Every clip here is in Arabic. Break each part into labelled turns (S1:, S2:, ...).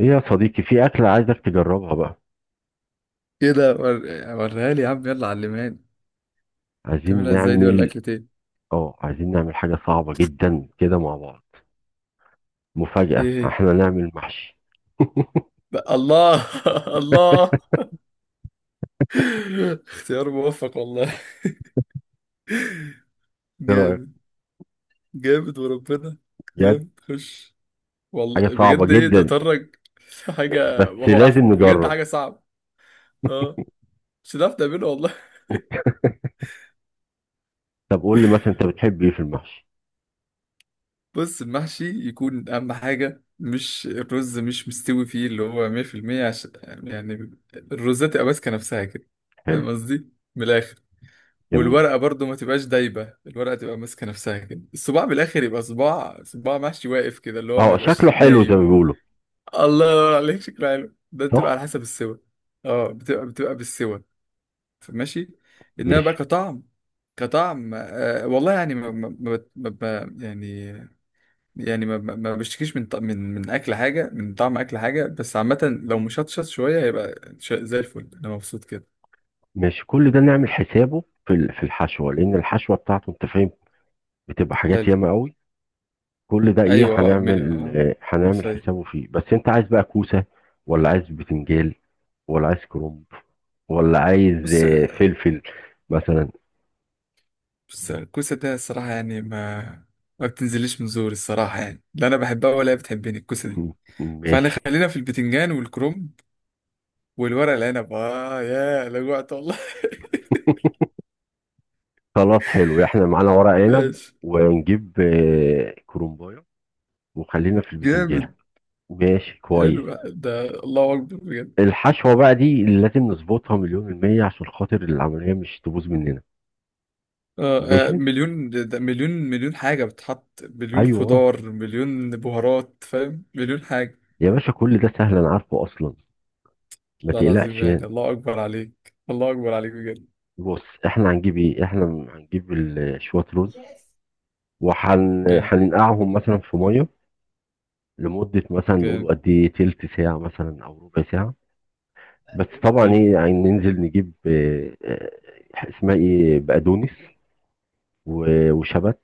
S1: ايه يا صديقي، في أكلة عايزك تجربها بقى.
S2: ايه ده وريها لي يا عم، يلا علماني.
S1: عايزين
S2: تعملها ازاي دي؟ ولا
S1: نعمل،
S2: اكلة ايه؟
S1: اه عايزين نعمل حاجة صعبة جدا كده مع بعض. مفاجأة،
S2: ايه هي؟
S1: احنا نعمل محشي.
S2: بقى الله الله. اختيار موفق والله.
S1: ايه رأيك؟
S2: جامد. جامد وربنا.
S1: بجد
S2: جامد، خش. والله
S1: حاجة صعبة
S2: بجد ايه ده،
S1: جدا،
S2: بتهرج؟ حاجة
S1: بس
S2: وهو عارف
S1: لازم
S2: بجد
S1: نجرب.
S2: حاجة صعبة. اه مش هتعرف تعمله والله.
S1: طب قول لي مثلا انت بتحب ايه في المحشي؟
S2: بص، المحشي يكون اهم حاجة مش الرز مش مستوي فيه اللي هو 100%. عشان يعني الرز تبقى ماسكة نفسها كده.
S1: حلو.
S2: فاهم قصدي؟ من الآخر.
S1: جميل.
S2: والورقة برضو ما تبقاش دايبة، الورقة تبقى ماسكة نفسها كده، الصباع بالآخر يبقى صباع، صباع محشي واقف كده اللي هو ما
S1: اه، شكله
S2: يبقاش
S1: حلو زي ما
S2: نايم.
S1: بيقولوا.
S2: الله ينور عليك، شكله حلو ده بتبقى
S1: صح.
S2: على حسب السوا. اه بتبقى بالسوا. ماشي. انما بقى
S1: ماشي.
S2: كطعم. كطعم آه والله يعني يعني يعني ما ما ما بشتكيش من اكل حاجه، من طعم اكل حاجه، بس عامه لو مشطشط شويه هيبقى زي الفل، انا مبسوط كده.
S1: ماشي، كل ده نعمل حسابه في الحشوة، لأن الحشوة بتاعته انت فاهم بتبقى حاجات
S2: حلو.
S1: ياما قوي. كل ده ايه،
S2: ايوه اه مش
S1: هنعمل
S2: فايق.
S1: حسابه فيه، بس انت عايز بقى كوسة، ولا عايز بتنجال، ولا عايز كرنب، ولا عايز
S2: بص،
S1: فلفل مثلا.
S2: بس الكوسة ده الصراحة يعني ما بتنزليش من زوري الصراحة، يعني لا أنا بحبها ولا هي بتحبني الكوسة دي. فأنا
S1: ماشي.
S2: خلينا في البتنجان والكرنب والورق العنب، آه يا لجوعت والله.
S1: سلطات، حلو، احنا معانا ورق عنب،
S2: ماشي.
S1: ونجيب كرنبايه، وخلينا في
S2: جامد.
S1: البتنجان. ماشي
S2: حلو
S1: كويس.
S2: ده، الله أكبر بجد.
S1: الحشوة بقى دي اللي لازم نظبطها مليون المية عشان خاطر العملية مش تبوظ مننا. ماشي.
S2: مليون؟ ده مليون حاجة، بتحط مليون
S1: ايوه
S2: خضار، مليون بهارات، فاهم؟ مليون حاجة.
S1: يا باشا، كل ده سهل انا عارفه اصلا، ما
S2: لا العظيم
S1: تقلقش
S2: يعني،
S1: يعني.
S2: الله أكبر عليك، الله أكبر عليك بجد.
S1: بص، احنا هنجيب ايه، احنا هنجيب شوية رز،
S2: جامد.
S1: هننقعهم مثلا في ميه، لمدة مثلا نقول
S2: جامد.
S1: قد ايه تلت ساعة مثلا او ربع ساعة. بس طبعا
S2: حلو.
S1: ايه يعني ننزل نجيب اسمها ايه بقدونس، وشبت،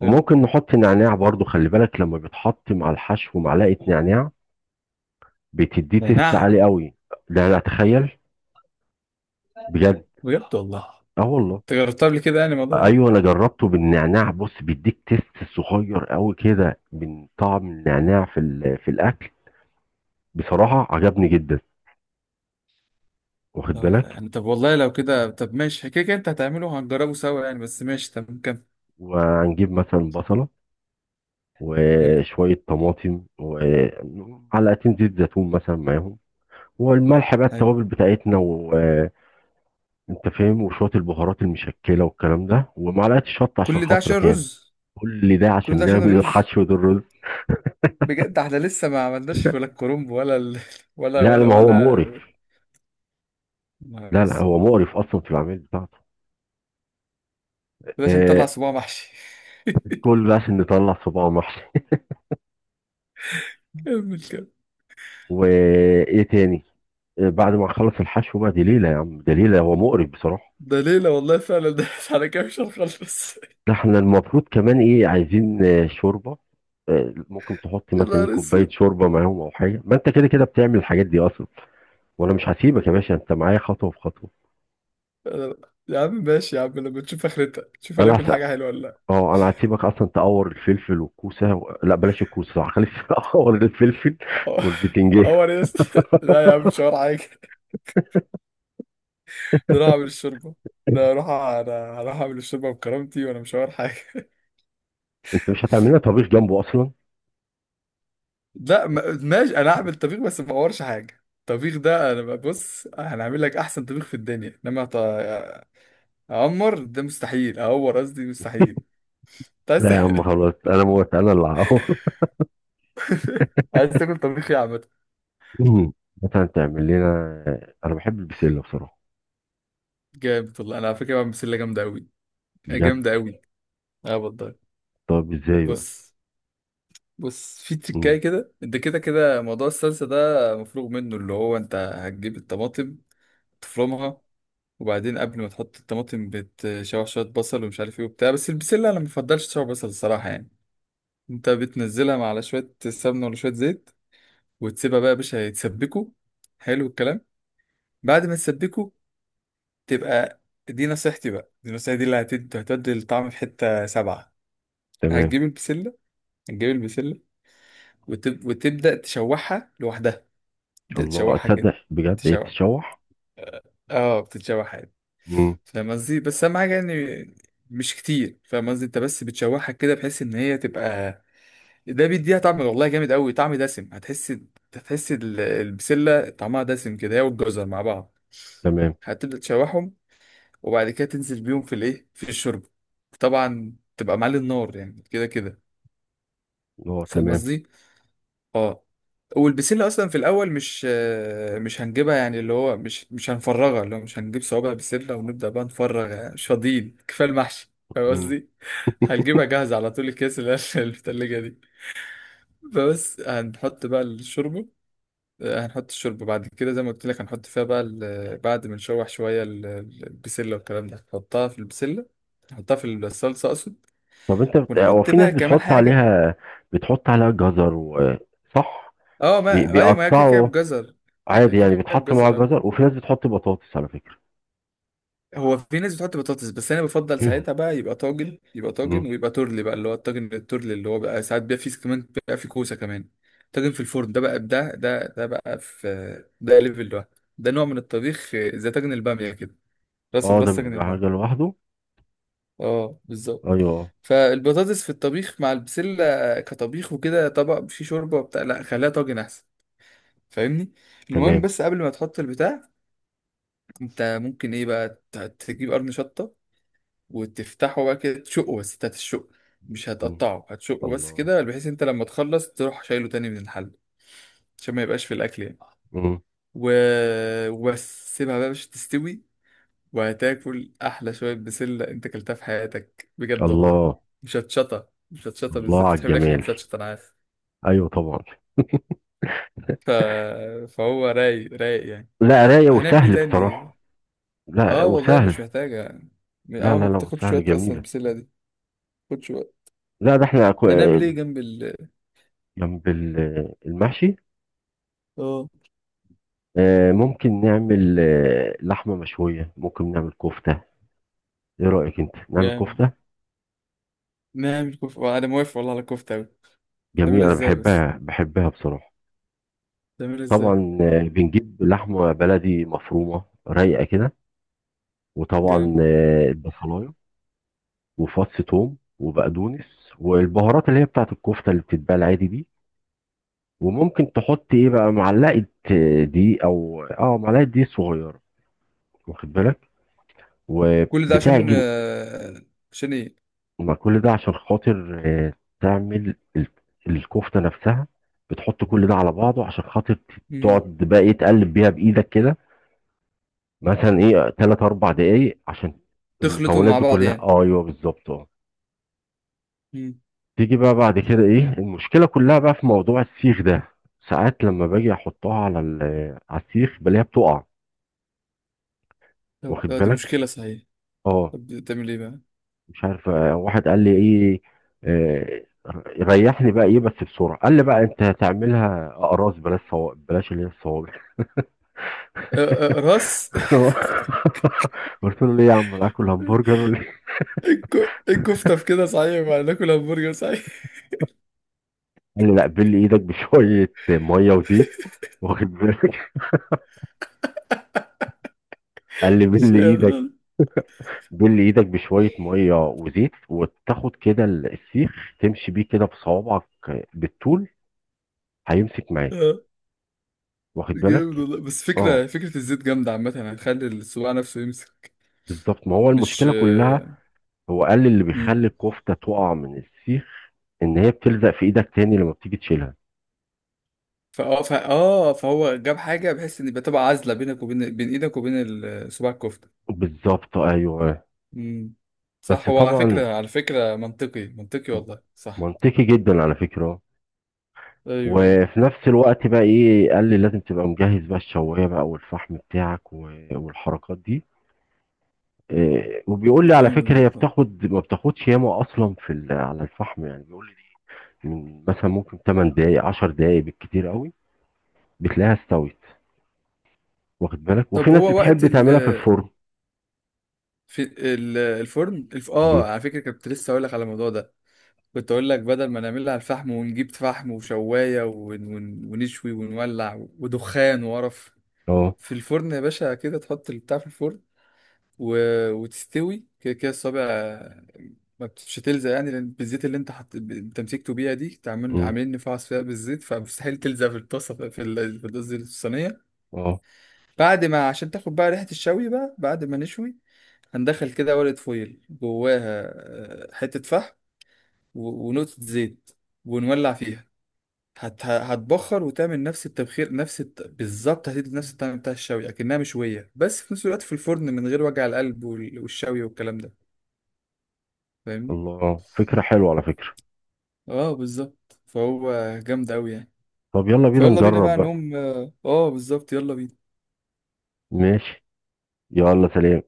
S2: حلو.
S1: وممكن نحط نعناع برضو. خلي بالك لما بيتحط مع الحشو معلقة نعناع بتديه تيست
S2: نعم.
S1: عالي قوي. ده انا اتخيل. بجد.
S2: بجد والله.
S1: اه والله.
S2: انت جربتها قبل كده يعني الموضوع ده؟
S1: ايوه انا جربته بالنعناع. بص، بيديك تيست صغير قوي كده من طعم النعناع في الاكل. بصراحه عجبني جدا. واخد
S2: لا والله
S1: بالك.
S2: يعني، طب والله لو كده طب ماشي، كده كده انت هتعمله هنجربه سوا يعني، بس ماشي تمام، كمل.
S1: وهنجيب مثلا بصله،
S2: حلو.
S1: وشويه طماطم، ومعلقتين زيت زيتون مثلا معاهم، والملح بقى،
S2: حلو.
S1: التوابل بتاعتنا وانت فاهم، وشويه البهارات المشكله والكلام ده، ومعلقه الشطه عشان
S2: كل ده عشان
S1: خاطرك يعني.
S2: الرز؟
S1: كل ده
S2: كل ده
S1: عشان
S2: عشان
S1: نعمل
S2: الرز.
S1: الحشو ده، الرز.
S2: بجد احنا لسه ما عملناش ولا الكرنب ولا ولا
S1: لا لا،
S2: ولا
S1: ما هو
S2: ولا
S1: مقرف.
S2: نهار
S1: لا لا، هو
S2: اسود.
S1: مقرف اصلا في العمل بتاعته.
S2: ده عشان
S1: آه،
S2: نطلع صباع محشي.
S1: كل ده عشان نطلع صباع محشي.
S2: كمل، كمل.
S1: وايه تاني؟ بعد ما نخلص الحشو بقى، دي ليله يا عم، دي ليله، هو مقرف بصراحه.
S2: ده ليلة والله فعلا، ده على كده مش هنخلص.
S1: ده احنا المفروض كمان ايه عايزين شوربه. ممكن تحط
S2: يا
S1: مثلا إيه
S2: نهار
S1: كوبايه
S2: اسود.
S1: شوربه معاهم او حاجه، ما انت كده كده بتعمل الحاجات دي اصلا. وانا مش هسيبك يا باشا، انت معايا خطوه بخطوه.
S2: انا- يا عم ماشي يا عم، لما تشوف اخرتها تشوف
S1: انا
S2: هناكل
S1: هس...
S2: حاجة حلوة ولا لا.
S1: اه، انا هسيبك اصلا تقور الفلفل والكوسه و... لا بلاش الكوسه صح، خليك تقور الفلفل
S2: اه.
S1: والبتنجان.
S2: هو يا اسطى، لا يا عم، مش حوار حاجة. نروح اعمل الشوربه. لا اروح، انا هروح اعمل الشوربه بكرامتي، وانا مش هور حاجه
S1: انت مش هتعمل لنا طبيخ جنبه اصلا؟
S2: لا ماشي، انا هعمل طبيخ بس ما اورش حاجه. الطبيخ ده انا بص، هنعمل لك احسن طبيخ في الدنيا، انما اعمر ده مستحيل، اعور قصدي، مستحيل. أنت عايز؟
S1: لا يا عم، خلاص انا موت، انا اللي هقور.
S2: عايز تاكل طبيخ ايه يا عم؟
S1: مم. مثلا تعمل لنا، انا بحب البسله بصراحه.
S2: جامد والله، انا على فكره بعمل بسله جامده قوي.
S1: بجد.
S2: جامده قوي. اه والله.
S1: طب ازاي بقى؟
S2: بص. بص في تريكايه
S1: مم.
S2: كده، انت كده كده موضوع الصلصه ده مفروغ منه، اللي هو انت هتجيب الطماطم، تفرمها. وبعدين قبل ما تحط الطماطم بتشوح شوية بصل ومش عارف ايه وبتاع، بس البسلة انا مبفضلش تشوح بصل الصراحة يعني. انت بتنزلها مع على شوية سمنة ولا شوية زيت، وتسيبها بقى يا باشا يتسبكوا. حلو الكلام. بعد ما تسبكوا، تبقى، دي نصيحتي بقى، دي نصيحتي دي اللي هتودي الطعم في حتة سبعة.
S1: تمام.
S2: هتجيب البسلة. هتجيب البسلة. وتبدأ تشوحها لوحدها. تبدأ
S1: الله،
S2: تشوحها كده.
S1: اتصدق بجد هي
S2: تشوح.
S1: بتتشوح؟
S2: اه بتتشوح عادي.
S1: مم.
S2: فاهم قصدي؟ بس اهم حاجه يعني، مش كتير، فاهم قصدي؟ انت بس بتشوحها كده بحيث ان هي تبقى، ده بيديها طعم والله جامد قوي، طعم دسم هتحس، هتحس البسله طعمها دسم كده هي والجزر مع بعض.
S1: تمام.
S2: هتبدا تشوحهم، وبعد كده تنزل بيهم في الايه، في الشرب. طبعا تبقى معلي النار يعني كده كده.
S1: اه
S2: فاهم
S1: تمام.
S2: قصدي؟ اه. والبسله اصلا في الاول مش مش هنجيبها يعني، اللي هو مش هنفرغها، اللي هو مش هنجيب صوابع بسله ونبدا بقى نفرغ، يعني مش فاضيين كفايه المحشي، فاهم
S1: مم.
S2: قصدي؟ هنجيبها جاهزه على طول، الكيس اللي هي في الثلاجه دي. فبس هنحط بقى الشوربه. هنحط الشوربه بعد كده زي ما قلت لك، هنحط فيها بقى بعد ما نشوح شويه البسله والكلام ده هنحطها في البسله. نحطها في الصلصه اقصد.
S1: هو
S2: ونحط
S1: في
S2: بقى
S1: ناس
S2: كمان
S1: بتحط
S2: حاجه.
S1: عليها، بتحط عليها جزر و... صح.
S2: اه، ما ايوه، ما هي كيكه
S1: بيقطعوا
S2: بجزر. هي
S1: عادي يعني،
S2: كيكه
S1: بيتحط معاها
S2: بجزر.
S1: جزر، وفي ناس بتحط بطاطس على فكرة.
S2: هو في ناس بتحط بطاطس بس انا بفضل
S1: مم.
S2: ساعتها بقى يبقى طاجن، يبقى
S1: مم.
S2: طاجن ويبقى ترلي بقى اللي هو الطاجن الترلي اللي هو بقى ساعات بيبقى فيه كمان، بيبقى فيه كوسه كمان. طاجن في الفرن ده بقى، ده بقى في، ده ليفل ده، ده نوع من الطبيخ، زي طاجن الباميه كده، راسه
S1: اه، ده
S2: براس طاجن
S1: بيبقى حاجة
S2: الباميه.
S1: لوحده.
S2: اه بالظبط.
S1: ايوه.
S2: فالبطاطس في الطبيخ مع البسله كطبيخ وكده، طبق فيه شوربه وبتاع، لا خليها طاجن احسن. فاهمني؟ المهم
S1: تمام.
S2: بس قبل ما تحط البتاع، انت ممكن ايه بقى تجيب قرن شطه وتفتحه بقى كده، تشقه، بس انت هتشقه مش
S1: مم.
S2: هتقطعه، هتشقه بس
S1: الله.
S2: كده، بحيث انت لما تخلص تروح شايله تاني من الحل، عشان ما يبقاش في الاكل يعني.
S1: مم.
S2: و... وبس سيبها بقى مش تستوي، وهتاكل احلى شويه بسله انت اكلتها في حياتك بجد والله.
S1: الله.
S2: مش هتشطه، مش هتشطه،
S1: الله
S2: بالذات
S1: على
S2: بتحب الاكل،
S1: الجمال.
S2: مش هتشطه انا عارف.
S1: ايوه طبعا.
S2: ف... فهو رايق، رايق يعني.
S1: لا، رايق
S2: هنعمل ايه
S1: وسهل
S2: تاني؟
S1: بصراحة. لا
S2: اه والله مش
S1: وسهل.
S2: محتاجه.
S1: لا
S2: اه ما
S1: لا لا
S2: بتاخدش
S1: وسهل
S2: وقت اصلا
S1: جميلة.
S2: البسله دي، ما بتاخدش وقت.
S1: لا ده احنا
S2: ده نعمل ايه جنب ال؟
S1: جنب المحشي.
S2: اه.
S1: ممكن نعمل لحمة مشوية، ممكن نعمل كفتة. ايه رأيك انت نعمل كفتة؟
S2: نعمل كفتة. أنا موافق والله على الكفتة أوي.
S1: جميلة،
S2: تعملها
S1: انا
S2: إزاي بس؟
S1: بحبها بحبها بصراحة.
S2: تعملها إزاي؟
S1: طبعا، بنجيب لحمة بلدي مفرومة رايقة كده، وطبعا
S2: جامد.
S1: البصلاية، وفص ثوم، وبقدونس، والبهارات اللي هي بتاعت الكفتة اللي بتتباع العادي دي. وممكن تحط ايه بقى معلقه دي او اه معلقه دي صغيره. واخد بالك.
S2: كل ده عشان
S1: وبتعجن.
S2: عشان إيه؟
S1: ما كل ده عشان خاطر تعمل الكفته نفسها. بتحط كل ده على بعضه عشان خاطر
S2: مم.
S1: تقعد بقى ايه تقلب بيها بايدك كده، مثلا ايه تلات اربع دقايق، عشان
S2: تخلطوا
S1: المكونات
S2: مع
S1: دي
S2: بعض
S1: كلها،
S2: يعني.
S1: اه ايوه بالظبط اه.
S2: مم.
S1: تيجي بقى بعد كده ايه، المشكله كلها بقى في موضوع السيخ ده. ساعات لما باجي احطها على على السيخ بلاقيها بتقع. واخد
S2: طب دي
S1: بالك.
S2: مشكلة صحيح.
S1: اه.
S2: طب تعمل إيه بقى؟
S1: مش عارف، واحد قال لي ايه، آه، ريحني بقى ايه بس بسرعه، قال لي بقى انت هتعملها اقراص، بلاش صوابع، بلاش اللي هي الصوابع.
S2: راس.
S1: قلت له ليه يا عم، انا اكل همبرجر ولا إيه؟
S2: الكفتة في كده صحيح بقى، ناكل همبرجر صحيح.
S1: قال لي لا، بل ايدك بشويه ميه وزيت. واخد بالك. قال لي
S2: مش
S1: بل
S2: قادر
S1: ايدك
S2: أنا.
S1: بل ايدك بشويه ميه وزيت، وتاخد كده السيخ تمشي بيه كده بصوابعك بالطول، هيمسك معاك.
S2: آه،
S1: واخد
S2: جامد
S1: بالك.
S2: والله، بس
S1: اه
S2: فكرة، فكرة الزيت جامدة عامة، هتخلي الصباع نفسه يمسك.
S1: بالظبط، ما هو
S2: مش
S1: المشكله كلها، هو قال لي اللي
S2: مم.
S1: بيخلي الكفتة تقع من السيخ ان هي بتلزق في ايدك تاني لما بتيجي تشيلها.
S2: فاه فا اه فهو جاب حاجه بحيث ان يبقى، تبقى عازله بينك وبين ايدك وبين صباع الكفته.
S1: بالظبط ايوه.
S2: امم. صح،
S1: بس
S2: هو على
S1: طبعا
S2: فكره، على فكره منطقي، منطقي والله، صح.
S1: منطقي جدا على فكرة.
S2: ايوه.
S1: وفي نفس الوقت بقى ايه، قال لي لازم تبقى مجهز بقى الشواية بقى والفحم بتاعك والحركات دي. وبيقول لي على
S2: جامد
S1: فكرة هي
S2: والله.
S1: بتاخد ما بتاخدش ياما اصلا على الفحم، يعني بيقول لي دي من مثلا ممكن 8 دقايق 10 دقايق بالكتير قوي بتلاقيها استوت. واخد بالك. وفي
S2: طب
S1: ناس
S2: هو وقت
S1: بتحب
S2: ال،
S1: تعملها في الفرن.
S2: في الفرن،
S1: مم.
S2: اه على فكره كنت لسه اقول لك على الموضوع ده. كنت اقول لك بدل ما نعملها على الفحم ونجيب فحم وشوايه ونشوي ونولع ودخان وقرف،
S1: اه.
S2: في الفرن يا باشا، كده تحط البتاع في الفرن، و... وتستوي كده كده الصابع، ما بتش تلزق يعني لان بالزيت اللي انت حط، تمسكته بيها دي، عاملين
S1: مم.
S2: نفعص فيها بالزيت، فمستحيل تلزق في الطاسه في قصدي الصينيه.
S1: اه.
S2: بعد ما، عشان تاخد بقى ريحه الشوي بقى، بعد ما نشوي، هندخل كده ورقه فويل جواها حته فحم ونقطه زيت، ونولع فيها، هتبخر وتعمل نفس التبخير، نفس بالظبط هتدي نفس الطعم بتاع الشوي اكنها مشويه، بس في نفس الوقت في الفرن من غير وجع القلب والشوي والكلام ده. فاهمني؟
S1: الله فكرة حلوة على فكرة.
S2: اه بالظبط. فهو جامد أوي يعني.
S1: طب يلا بينا
S2: فيلا بينا
S1: نجرب
S2: بقى
S1: بقى.
S2: نقوم، اه بالظبط، يلا بينا.
S1: ماشي. يلا سلام.